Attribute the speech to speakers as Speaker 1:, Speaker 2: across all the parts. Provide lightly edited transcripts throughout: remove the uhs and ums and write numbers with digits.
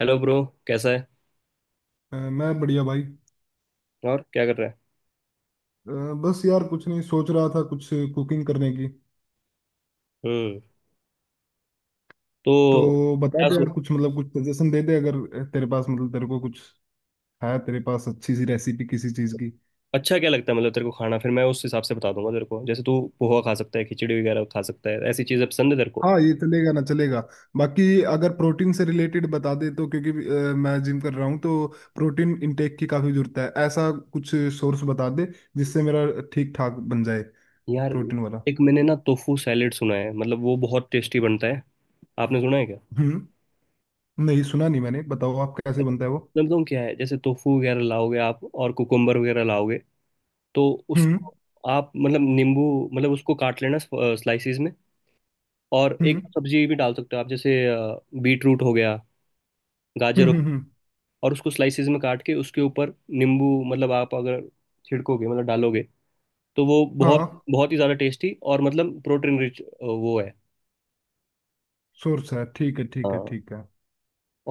Speaker 1: Hello bro. कैसा है।
Speaker 2: मैं बढ़िया भाई।
Speaker 1: और क्या कर रहा है।
Speaker 2: बस यार कुछ नहीं सोच रहा था, कुछ कुकिंग करने की।
Speaker 1: हम्म। तो
Speaker 2: तो बता
Speaker 1: क्या
Speaker 2: दे
Speaker 1: सो।
Speaker 2: यार कुछ, मतलब कुछ सजेशन दे दे अगर, तेरे पास, मतलब तेरे को कुछ है तेरे पास, अच्छी सी रेसिपी किसी चीज की।
Speaker 1: अच्छा, क्या लगता है मतलब तेरे को खाना? फिर मैं उस हिसाब से बता दूंगा तेरे को। जैसे तू पोहा खा सकता है, खिचड़ी वगैरह खा सकता है। ऐसी चीज़ें पसंद है तेरे को?
Speaker 2: हाँ ये चलेगा ना चलेगा बाकी। अगर प्रोटीन से रिलेटेड बता दे तो, क्योंकि मैं जिम कर रहा हूँ, तो प्रोटीन इनटेक की काफी जरूरत है। ऐसा कुछ सोर्स बता दे जिससे मेरा ठीक ठाक बन जाए,
Speaker 1: यार,
Speaker 2: प्रोटीन वाला।
Speaker 1: एक मैंने ना टोफू सैलेड सुना है, मतलब वो बहुत टेस्टी बनता है। आपने सुना है क्या?
Speaker 2: हम्म। नहीं सुना नहीं मैंने, बताओ आप कैसे बनता है वो।
Speaker 1: मतलब तुम क्या है, जैसे टोफू वगैरह लाओगे आप और कुकुम्बर वगैरह लाओगे। तो
Speaker 2: हम्म,
Speaker 1: उसको आप मतलब नींबू, मतलब उसको काट लेना स्लाइसिस में। और एक
Speaker 2: हम्म,
Speaker 1: सब्जी भी डाल सकते हो आप, जैसे बीट रूट हो गया, गाजर
Speaker 2: हम्म,
Speaker 1: हो
Speaker 2: हम्म,
Speaker 1: गया। और उसको स्लाइसिस में काट के उसके ऊपर नींबू मतलब आप अगर छिड़कोगे, मतलब डालोगे, तो वो
Speaker 2: हाँ
Speaker 1: बहुत बहुत ही ज़्यादा टेस्टी और मतलब प्रोटीन रिच वो है।
Speaker 2: सोर्स है। ठीक है, ठीक है,
Speaker 1: हाँ।
Speaker 2: ठीक है।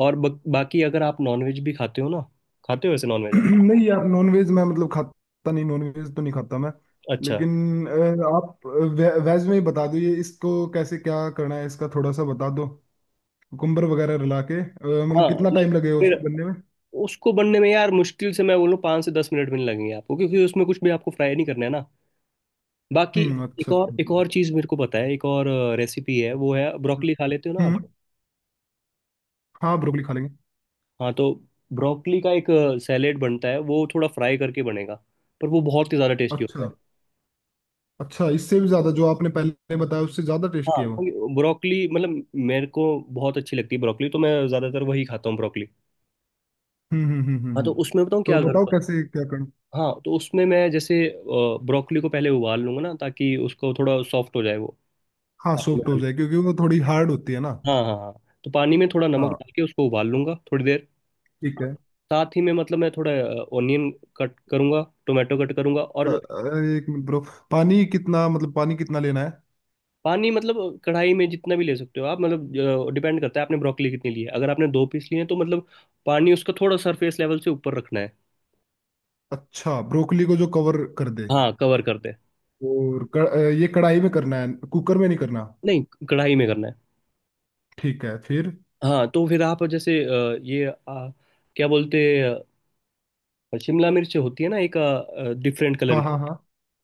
Speaker 1: और बाकी, अगर आप नॉनवेज भी खाते हो ना। खाते हो वैसे नॉनवेज आप?
Speaker 2: नहीं यार, नॉनवेज मैं मतलब खाता नहीं, नॉनवेज तो नहीं खाता मैं।
Speaker 1: अच्छा।
Speaker 2: लेकिन अ, आप वेज में ही बता दो, ये इसको कैसे क्या करना है, इसका थोड़ा सा बता दो। कुकुम्बर वगैरह रला के, मतलब
Speaker 1: हाँ,
Speaker 2: कितना
Speaker 1: नहीं,
Speaker 2: टाइम लगेगा
Speaker 1: फिर
Speaker 2: उसको बनने में।
Speaker 1: उसको बनने में यार मुश्किल से मैं बोलूँ 5 से 10 मिनट भी नहीं लगेंगे आपको, क्योंकि उसमें कुछ भी आपको फ्राई नहीं करना है ना। बाकी,
Speaker 2: हम्म,
Speaker 1: एक
Speaker 2: अच्छा
Speaker 1: और एक
Speaker 2: अच्छा।
Speaker 1: और चीज़ मेरे को पता है, एक और रेसिपी है। वो है
Speaker 2: अच्छा।
Speaker 1: ब्रोकली। खा लेते हो ना आप?
Speaker 2: हम्म। हाँ, ब्रोकली खा लेंगे।
Speaker 1: हाँ, तो ब्रोकली का एक सैलेड बनता है। वो थोड़ा फ्राई करके बनेगा, पर वो बहुत ही ज़्यादा टेस्टी होता है।
Speaker 2: अच्छा। अच्छा, इससे भी ज्यादा? जो आपने पहले बताया उससे ज्यादा
Speaker 1: हाँ,
Speaker 2: टेस्टी है वो?
Speaker 1: क्योंकि ब्रोकली मतलब मेरे को बहुत अच्छी लगती है ब्रोकली, तो मैं ज़्यादातर वही खाता हूँ ब्रोकली।
Speaker 2: हम्म, हम्म, हम्म, हम्म,
Speaker 1: हाँ, तो उसमें बताऊँ
Speaker 2: तो
Speaker 1: क्या
Speaker 2: बताओ
Speaker 1: करता हूँ।
Speaker 2: कैसे क्या करना।
Speaker 1: हाँ, तो उसमें मैं जैसे ब्रोकली को पहले उबाल लूंगा ना, ताकि उसको थोड़ा सॉफ्ट हो जाए वो।
Speaker 2: हाँ,
Speaker 1: पानी में
Speaker 2: सॉफ्ट हो
Speaker 1: डाल-
Speaker 2: जाए क्योंकि वो थोड़ी हार्ड होती है ना।
Speaker 1: के। हाँ, हाँ, हाँ। तो पानी में थोड़ा नमक
Speaker 2: हाँ,
Speaker 1: डाल के उसको उबाल लूंगा थोड़ी देर।
Speaker 2: ठीक है।
Speaker 1: साथ ही में मतलब मैं थोड़ा ऑनियन कट करूंगा, टोमेटो कट करूंगा
Speaker 2: अ-
Speaker 1: और।
Speaker 2: अरे एक मिनट ब्रो, पानी कितना, मतलब पानी कितना लेना है।
Speaker 1: पानी मतलब कढ़ाई में जितना भी ले सकते हो आप, मतलब डिपेंड करता है आपने ब्रोकली कितनी ली है। अगर आपने 2 पीस लिए हैं तो मतलब पानी उसका थोड़ा सरफेस लेवल से ऊपर रखना है।
Speaker 2: अच्छा, ब्रोकली को जो कवर कर दे।
Speaker 1: हाँ, कवर कर दे।
Speaker 2: और ये कढ़ाई में करना है, कुकर में नहीं करना।
Speaker 1: नहीं, कढ़ाई में करना है।
Speaker 2: ठीक है फिर।
Speaker 1: हाँ, तो फिर आप जैसे ये, क्या बोलते हैं, शिमला मिर्च होती है ना एक डिफरेंट कलर
Speaker 2: हाँ
Speaker 1: की।
Speaker 2: हाँ हाँ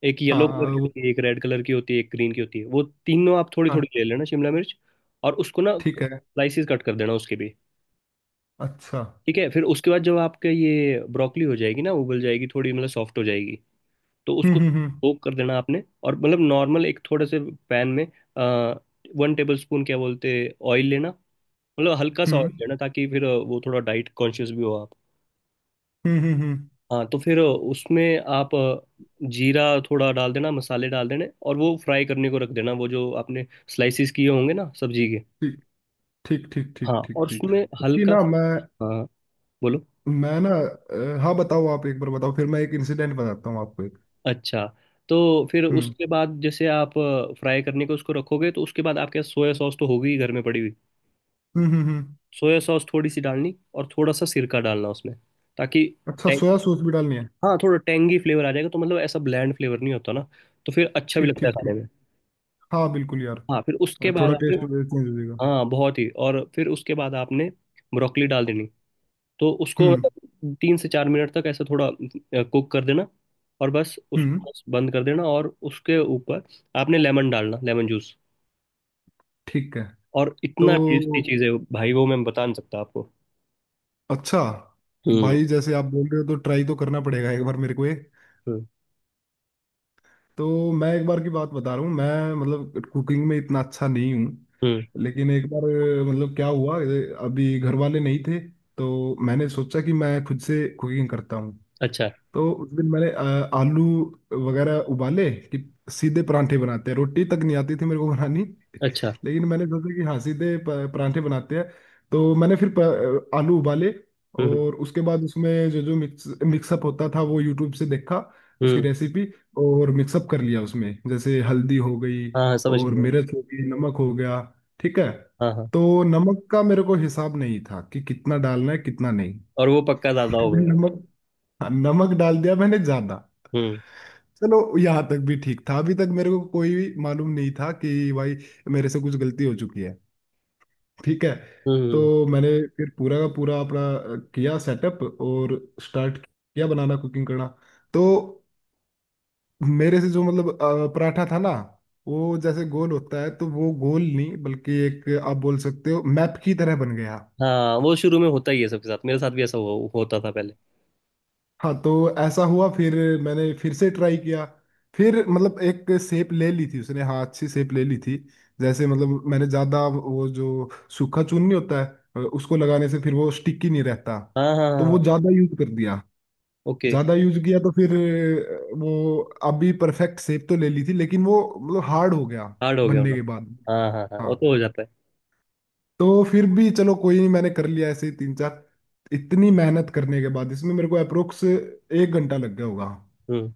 Speaker 1: एक येलो
Speaker 2: हाँ,
Speaker 1: कलर की
Speaker 2: वो
Speaker 1: होती है, एक रेड कलर की होती है, एक ग्रीन की होती है। वो तीनों आप थोड़ी थोड़ी
Speaker 2: हाँ।
Speaker 1: ले लेना शिमला मिर्च। और उसको ना
Speaker 2: ठीक है,
Speaker 1: स्लाइसिस कट कर देना उसके भी।
Speaker 2: अच्छा।
Speaker 1: ठीक है। फिर उसके बाद जब आपका ये ब्रोकली हो जाएगी ना, उबल जाएगी थोड़ी, मतलब सॉफ्ट हो जाएगी, तो
Speaker 2: हम्म,
Speaker 1: उसको
Speaker 2: हम्म, हम्म,
Speaker 1: सोक कर देना आपने। और मतलब नॉर्मल एक थोड़े से पैन में, आ, 1 टेबल स्पून क्या बोलते, ऑयल लेना। मतलब हल्का सा ऑयल
Speaker 2: हम्म,
Speaker 1: लेना, ताकि फिर वो थोड़ा डाइट कॉन्शियस भी हो आप।
Speaker 2: हम्म, हम्म,
Speaker 1: हाँ, तो फिर उसमें आप जीरा थोड़ा डाल देना, मसाले डाल देने, और वो फ्राई करने को रख देना वो जो आपने स्लाइसिस किए होंगे ना सब्जी के।
Speaker 2: ठीक ठीक ठीक ठीक
Speaker 1: हाँ,
Speaker 2: ठीक
Speaker 1: और
Speaker 2: ठीक।
Speaker 1: उसमें
Speaker 2: कि
Speaker 1: हल्का।
Speaker 2: ना मैं,
Speaker 1: हाँ, बोलो।
Speaker 2: ना, हाँ बताओ। आप एक बार बताओ, फिर मैं एक इंसिडेंट बताता हूँ आपको एक।
Speaker 1: अच्छा, तो फिर
Speaker 2: हम्म,
Speaker 1: उसके बाद जैसे आप फ्राई करने को उसको रखोगे, तो उसके बाद आपके सोया सॉस तो होगी ही घर में पड़ी हुई।
Speaker 2: हम्म, हम्म,
Speaker 1: सोया सॉस थोड़ी सी डालनी और थोड़ा सा सिरका डालना उसमें, ताकि
Speaker 2: अच्छा,
Speaker 1: टैंग-
Speaker 2: सोया सॉस भी डालनी है?
Speaker 1: हाँ, थोड़ा टेंगी फ्लेवर आ जाएगा, तो मतलब ऐसा ब्लैंड फ्लेवर नहीं होता ना। तो फिर अच्छा भी
Speaker 2: ठीक
Speaker 1: लगता है
Speaker 2: ठीक
Speaker 1: खाने
Speaker 2: ठीक।
Speaker 1: में।
Speaker 2: हाँ बिल्कुल यार,
Speaker 1: हाँ, फिर उसके बाद
Speaker 2: थोड़ा
Speaker 1: आपने।
Speaker 2: टेस्ट चेंज हो जाएगा।
Speaker 1: हाँ, बहुत ही। और फिर उसके बाद आपने ब्रोकली डाल देनी। तो उसको
Speaker 2: हम्म,
Speaker 1: मतलब 3 से 4 मिनट तक ऐसा थोड़ा कुक कर देना। और बस
Speaker 2: हम्म।
Speaker 1: उसको बस बंद कर देना, और उसके ऊपर आपने लेमन डालना, लेमन जूस।
Speaker 2: ठीक है
Speaker 1: और इतना टेस्टी
Speaker 2: तो।
Speaker 1: चीज़ है भाई वो, मैं बता नहीं सकता आपको।
Speaker 2: अच्छा
Speaker 1: हम्म,
Speaker 2: भाई, जैसे आप बोल रहे हो तो ट्राई तो करना पड़ेगा एक बार मेरे को ये।
Speaker 1: हम्म,
Speaker 2: तो मैं एक बार की बात बता रहा हूँ, मैं मतलब कुकिंग में इतना अच्छा नहीं हूँ।
Speaker 1: हम्म,
Speaker 2: लेकिन एक बार, मतलब क्या हुआ, अभी घर वाले नहीं थे, तो मैंने सोचा कि मैं खुद से कुकिंग करता हूँ।
Speaker 1: अच्छा,
Speaker 2: तो उस दिन मैंने आलू वगैरह उबाले कि सीधे परांठे बनाते हैं, रोटी तक नहीं आती थी मेरे को बनानी।
Speaker 1: अच्छा।
Speaker 2: लेकिन मैंने सोचा कि हाँ सीधे परांठे बनाते हैं। तो मैंने फिर आलू उबाले।
Speaker 1: हम्म,
Speaker 2: और उसके बाद उसमें जो जो मिक्सअप होता था, वो यूट्यूब से देखा, उसकी
Speaker 1: हम्म।
Speaker 2: रेसिपी। और मिक्सअप कर लिया उसमें, जैसे हल्दी हो गई,
Speaker 1: हाँ, हाँ, समझ
Speaker 2: और
Speaker 1: गया।
Speaker 2: मिर्च हो गई, नमक हो गया, ठीक है।
Speaker 1: हाँ, हाँ।
Speaker 2: तो नमक का मेरे को हिसाब नहीं था कि कितना डालना है कितना नहीं।
Speaker 1: और वो पक्का दादा हो
Speaker 2: मैंने
Speaker 1: गया।
Speaker 2: नमक हाँ, नमक डाल दिया मैंने ज्यादा।
Speaker 1: हम्म,
Speaker 2: चलो, यहाँ तक भी ठीक था, अभी तक मेरे को कोई भी मालूम नहीं था कि भाई मेरे से कुछ गलती हो चुकी है, ठीक है। तो
Speaker 1: हम्म।
Speaker 2: मैंने फिर पूरा का पूरा अपना किया सेटअप, और स्टार्ट किया बनाना, कुकिंग करना। तो मेरे से जो, मतलब पराठा था ना, वो जैसे गोल होता है, तो वो गोल नहीं, बल्कि एक आप बोल सकते हो मैप की तरह बन गया।
Speaker 1: हाँ, वो शुरू में होता ही है सबके साथ, मेरे साथ भी ऐसा होता था पहले।
Speaker 2: हाँ, तो ऐसा हुआ। फिर मैंने फिर से ट्राई किया, फिर मतलब एक शेप ले ली थी उसने, हाँ अच्छी शेप ले ली थी। जैसे मतलब मैंने ज़्यादा वो जो सूखा चून नहीं होता है, उसको लगाने से फिर वो स्टिकी नहीं रहता,
Speaker 1: हाँ, हाँ, हाँ,
Speaker 2: तो
Speaker 1: हाँ।
Speaker 2: वो ज़्यादा यूज कर दिया।
Speaker 1: ओके।
Speaker 2: ज़्यादा यूज किया तो फिर वो अभी परफेक्ट शेप तो ले ली थी, लेकिन वो मतलब हार्ड हो गया
Speaker 1: हार्ड हो गया
Speaker 2: बनने
Speaker 1: होना।
Speaker 2: के बाद।
Speaker 1: हाँ, हाँ, हाँ, वो
Speaker 2: हाँ,
Speaker 1: तो हो जाता है।
Speaker 2: तो फिर भी चलो कोई नहीं, मैंने कर लिया ऐसे ही तीन चार। इतनी मेहनत करने के बाद, इसमें मेरे को अप्रोक्स एक घंटा लग गया होगा।
Speaker 1: हम्म,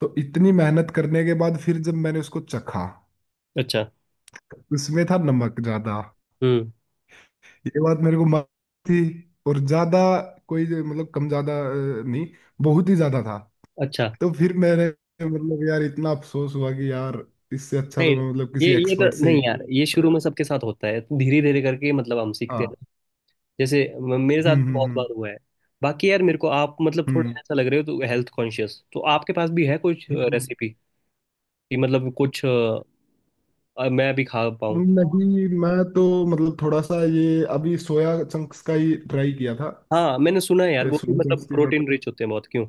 Speaker 2: तो इतनी मेहनत करने के बाद फिर जब मैंने उसको चखा,
Speaker 1: अच्छा।
Speaker 2: तो उसमें था नमक ज्यादा।
Speaker 1: हम्म,
Speaker 2: ये बात मेरे को मालूम थी, और ज्यादा कोई मतलब कम ज्यादा नहीं, बहुत ही ज्यादा था।
Speaker 1: अच्छा।
Speaker 2: तो फिर मैंने, मतलब यार इतना अफसोस हुआ कि यार, इससे अच्छा तो
Speaker 1: नहीं,
Speaker 2: मैं मतलब
Speaker 1: ये
Speaker 2: किसी
Speaker 1: ये तो
Speaker 2: एक्सपर्ट से ही।
Speaker 1: नहीं यार, ये
Speaker 2: अ,
Speaker 1: शुरू में सबके साथ होता है, धीरे धीरे करके मतलब हम सीखते
Speaker 2: हाँ,
Speaker 1: हैं। जैसे मेरे साथ
Speaker 2: हम्म,
Speaker 1: भी बहुत
Speaker 2: हम्म,
Speaker 1: बार हुआ है। बाकी यार, मेरे को आप मतलब थोड़े
Speaker 2: हम्म,
Speaker 1: ऐसा लग रहे हो तो हेल्थ कॉन्शियस, तो आपके पास भी है कुछ
Speaker 2: हम्म,
Speaker 1: रेसिपी कि मतलब कुछ? और मैं भी खा पाऊँ।
Speaker 2: नहीं, मैं तो मतलब थोड़ा सा ये अभी सोया चंक्स का ही ट्राई किया था।
Speaker 1: हाँ, मैंने सुना है यार वो भी
Speaker 2: सोया चंक्स
Speaker 1: मतलब
Speaker 2: के साथ,
Speaker 1: प्रोटीन रिच होते हैं बहुत, क्यों?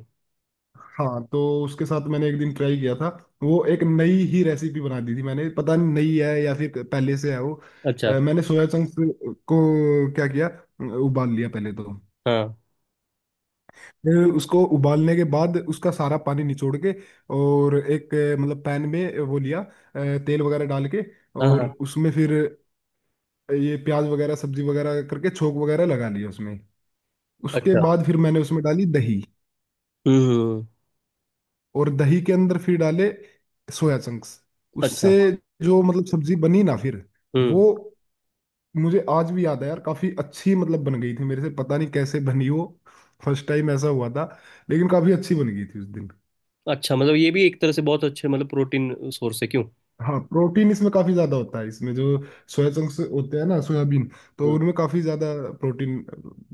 Speaker 2: हाँ। तो उसके साथ मैंने एक दिन ट्राई किया था, वो एक नई ही रेसिपी बना दी थी मैंने, पता नहीं नई है या फिर पहले से है वो।
Speaker 1: अच्छा।
Speaker 2: मैंने सोया चंक्स को क्या किया, उबाल लिया पहले तो।
Speaker 1: हाँ,
Speaker 2: फिर उसको उबालने के बाद उसका सारा पानी निचोड़ के, और एक मतलब पैन में वो लिया, तेल वगैरह डाल के,
Speaker 1: हाँ,
Speaker 2: और
Speaker 1: हाँ।
Speaker 2: उसमें फिर ये प्याज वगैरह सब्जी वगैरह करके छोंक वगैरह लगा लिया उसमें। उसके
Speaker 1: अच्छा।
Speaker 2: बाद फिर मैंने उसमें डाली दही,
Speaker 1: हम्म,
Speaker 2: और दही के अंदर फिर डाले सोया चंक्स।
Speaker 1: अच्छा।
Speaker 2: उससे जो मतलब सब्जी बनी ना फिर,
Speaker 1: हम्म,
Speaker 2: वो मुझे आज भी याद है यार, काफी अच्छी मतलब बन गई थी मेरे से, पता नहीं कैसे बनी वो। फर्स्ट टाइम ऐसा हुआ था, लेकिन काफी अच्छी बन गई थी उस दिन।
Speaker 1: अच्छा। मतलब ये भी एक तरह से बहुत अच्छे मतलब प्रोटीन सोर्स है, क्यों?
Speaker 2: हाँ, प्रोटीन इसमें काफी ज्यादा होता है, इसमें जो सोया चंक्स होते हैं ना, सोयाबीन, तो
Speaker 1: हम्म।
Speaker 2: उनमें काफी ज्यादा प्रोटीन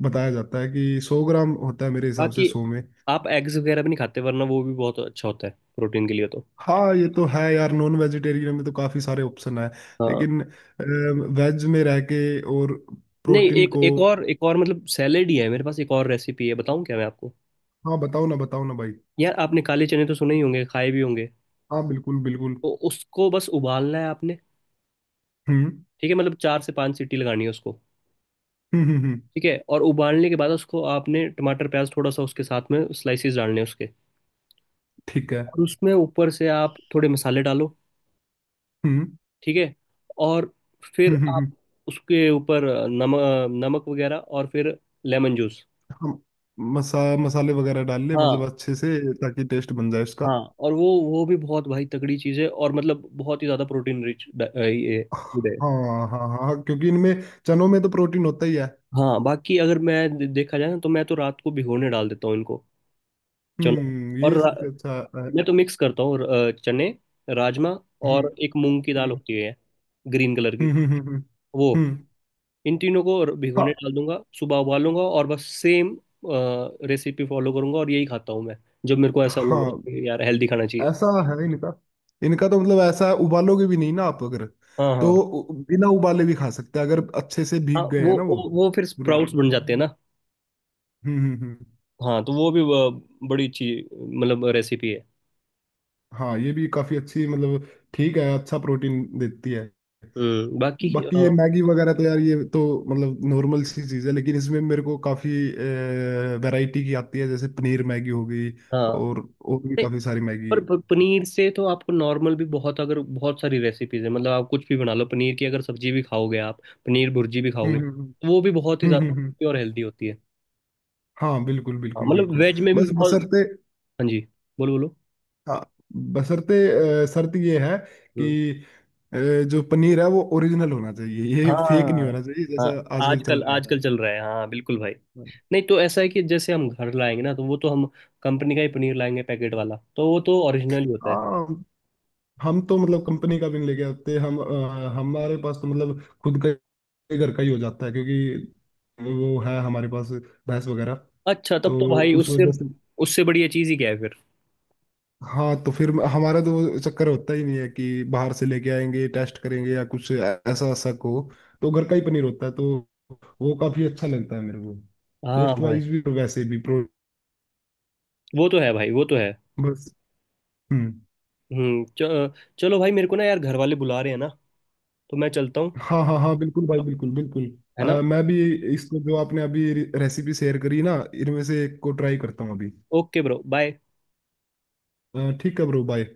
Speaker 2: बताया जाता है, कि 100 ग्राम होता है, मेरे हिसाब से
Speaker 1: बाकी,
Speaker 2: 100 में।
Speaker 1: आप एग्स वगैरह भी नहीं खाते, वरना वो भी बहुत अच्छा होता है प्रोटीन के लिए तो।
Speaker 2: हाँ ये तो है यार, नॉन वेजिटेरियन में तो काफी सारे ऑप्शन है।
Speaker 1: हाँ,
Speaker 2: लेकिन वेज में रह के और
Speaker 1: नहीं,
Speaker 2: प्रोटीन
Speaker 1: एक
Speaker 2: को।
Speaker 1: एक और मतलब सैलेड ही है मेरे पास, एक और रेसिपी है, बताऊं क्या मैं आपको?
Speaker 2: हाँ बताओ ना, बताओ ना भाई।
Speaker 1: यार, आपने काले चने तो सुने ही होंगे, खाए भी होंगे।
Speaker 2: हाँ बिल्कुल बिल्कुल।
Speaker 1: तो उसको बस उबालना है आपने।
Speaker 2: हम्म,
Speaker 1: ठीक है, मतलब 4 से 5 सीटी लगानी है उसको।
Speaker 2: हम्म, हम्म,
Speaker 1: ठीक है। और उबालने के बाद उसको आपने टमाटर, प्याज थोड़ा सा उसके साथ में, स्लाइसेस डालने हैं उसके।
Speaker 2: ठीक है।
Speaker 1: और उसमें ऊपर से आप थोड़े मसाले डालो।
Speaker 2: हम्म,
Speaker 1: ठीक है। और फिर
Speaker 2: हम्म, हम्म,
Speaker 1: आप उसके ऊपर नमक, नमक वगैरह और फिर लेमन जूस।
Speaker 2: हम। मसा मसाले वगैरह डाल ले मतलब
Speaker 1: हाँ,
Speaker 2: अच्छे से, ताकि टेस्ट बन जाए उसका।
Speaker 1: हाँ। और वो भी बहुत भाई तगड़ी चीज़ है और मतलब बहुत ही ज़्यादा प्रोटीन रिच ये food है।
Speaker 2: हाँ हाँ हाँ, क्योंकि इनमें, चनों में तो प्रोटीन होता ही है।
Speaker 1: हाँ, बाकी अगर मैं देखा जाए ना, तो मैं तो रात को भिगोने डाल देता हूँ इनको। चलो।
Speaker 2: हम्म,
Speaker 1: और
Speaker 2: ये सबसे अच्छा है।
Speaker 1: मैं तो मिक्स करता हूँ चने, राजमा
Speaker 2: हम्म,
Speaker 1: और एक मूंग की दाल
Speaker 2: हम्म,
Speaker 1: होती है ग्रीन कलर की,
Speaker 2: हम्म, हम्म,
Speaker 1: वो।
Speaker 2: हम्म,
Speaker 1: इन तीनों को भिगोने
Speaker 2: हाँ
Speaker 1: डाल दूंगा, सुबह उबालूंगा और बस सेम रेसिपी फॉलो करूंगा, और यही खाता हूँ मैं जब मेरे को ऐसा लग रहा
Speaker 2: हाँ।
Speaker 1: है कि यार हेल्दी खाना चाहिए।
Speaker 2: ऐसा है नहीं लिखा। इनका तो मतलब ऐसा है, उबालोगे भी नहीं ना आप अगर,
Speaker 1: हाँ,
Speaker 2: तो
Speaker 1: हाँ,
Speaker 2: बिना उबाले भी खा सकते हैं अगर अच्छे से
Speaker 1: हाँ,
Speaker 2: भीग गए हैं
Speaker 1: वो
Speaker 2: ना वो,
Speaker 1: वो वो फिर
Speaker 2: पूरी रात।
Speaker 1: स्प्राउट्स बन जाते हैं ना।
Speaker 2: हम्म, हम्म, हम्म।
Speaker 1: हाँ, तो वो भी बड़ी अच्छी मतलब रेसिपी है।
Speaker 2: हाँ, ये भी काफी अच्छी मतलब, ठीक है, अच्छा प्रोटीन देती है।
Speaker 1: हम्म। बाकी
Speaker 2: बाकी
Speaker 1: अ,
Speaker 2: ये मैगी वगैरह तो यार, ये तो मतलब नॉर्मल सी चीज़ है, लेकिन इसमें मेरे को काफ़ी वैरायटी की आती है, जैसे पनीर मैगी हो गई,
Speaker 1: हाँ।
Speaker 2: और भी
Speaker 1: नहीं,
Speaker 2: काफ़ी सारी
Speaker 1: पर
Speaker 2: मैगी।
Speaker 1: पनीर से तो आपको नॉर्मल भी बहुत, अगर बहुत सारी रेसिपीज है मतलब आप कुछ भी बना लो पनीर की। अगर सब्जी भी खाओगे आप, पनीर भुर्जी भी
Speaker 2: हम्म,
Speaker 1: खाओगे,
Speaker 2: हम्म,
Speaker 1: तो
Speaker 2: हम्म,
Speaker 1: वो भी बहुत ही
Speaker 2: हम्म,
Speaker 1: ज्यादा टेस्टी और हेल्दी होती है।
Speaker 2: हाँ बिल्कुल
Speaker 1: हाँ,
Speaker 2: बिल्कुल
Speaker 1: मतलब
Speaker 2: बिल्कुल।
Speaker 1: वेज में भी
Speaker 2: बस
Speaker 1: बहुत।
Speaker 2: बसरते
Speaker 1: हाँ जी, बोलो, बोलो।
Speaker 2: हाँ बशर्ते, शर्त ये है
Speaker 1: हम्म।
Speaker 2: कि अ, जो पनीर है वो ओरिजिनल होना चाहिए, ये फेक नहीं
Speaker 1: हाँ,
Speaker 2: होना चाहिए,
Speaker 1: हाँ,
Speaker 2: जैसा आजकल चल
Speaker 1: आजकल,
Speaker 2: रहा है।
Speaker 1: आजकल चल रहा है, हाँ, बिल्कुल भाई। नहीं तो ऐसा है कि जैसे हम घर लाएंगे ना, तो वो तो हम कंपनी का ही पनीर लाएंगे पैकेट वाला, तो वो तो ओरिजिनल ही होता है।
Speaker 2: हाँ, हम तो मतलब कंपनी का भी नहीं लेके आते हम, हमारे पास तो मतलब घर का ही हो जाता है, क्योंकि वो है हमारे पास, भैंस वगैरह।
Speaker 1: अच्छा, तब तो
Speaker 2: तो
Speaker 1: भाई
Speaker 2: उस
Speaker 1: उससे
Speaker 2: वजह से,
Speaker 1: उससे बढ़िया चीज़ ही क्या है फिर।
Speaker 2: हाँ तो फिर हमारा तो वो चक्कर होता ही नहीं है कि बाहर से लेके आएंगे, टेस्ट करेंगे या कुछ ऐसा ऐसा को। तो घर का ही पनीर होता है, तो वो काफी अच्छा लगता है मेरे को,
Speaker 1: हाँ
Speaker 2: टेस्ट
Speaker 1: भाई।
Speaker 2: वाइज भी और वैसे भी प्रो
Speaker 1: वो तो है भाई, वो तो है।
Speaker 2: बस। हम्म।
Speaker 1: हम्म। चलो भाई, मेरे को ना यार घर वाले बुला रहे हैं ना, तो मैं चलता हूँ,
Speaker 2: हाँ हाँ हाँ बिल्कुल भाई, बिल्कुल बिल्कुल।
Speaker 1: है ना।
Speaker 2: मैं भी इसको, जो आपने अभी रेसिपी शेयर करी ना, इनमें से एक को ट्राई करता हूँ अभी।
Speaker 1: Okay bro, bye.
Speaker 2: ठीक है ब्रो, बाय।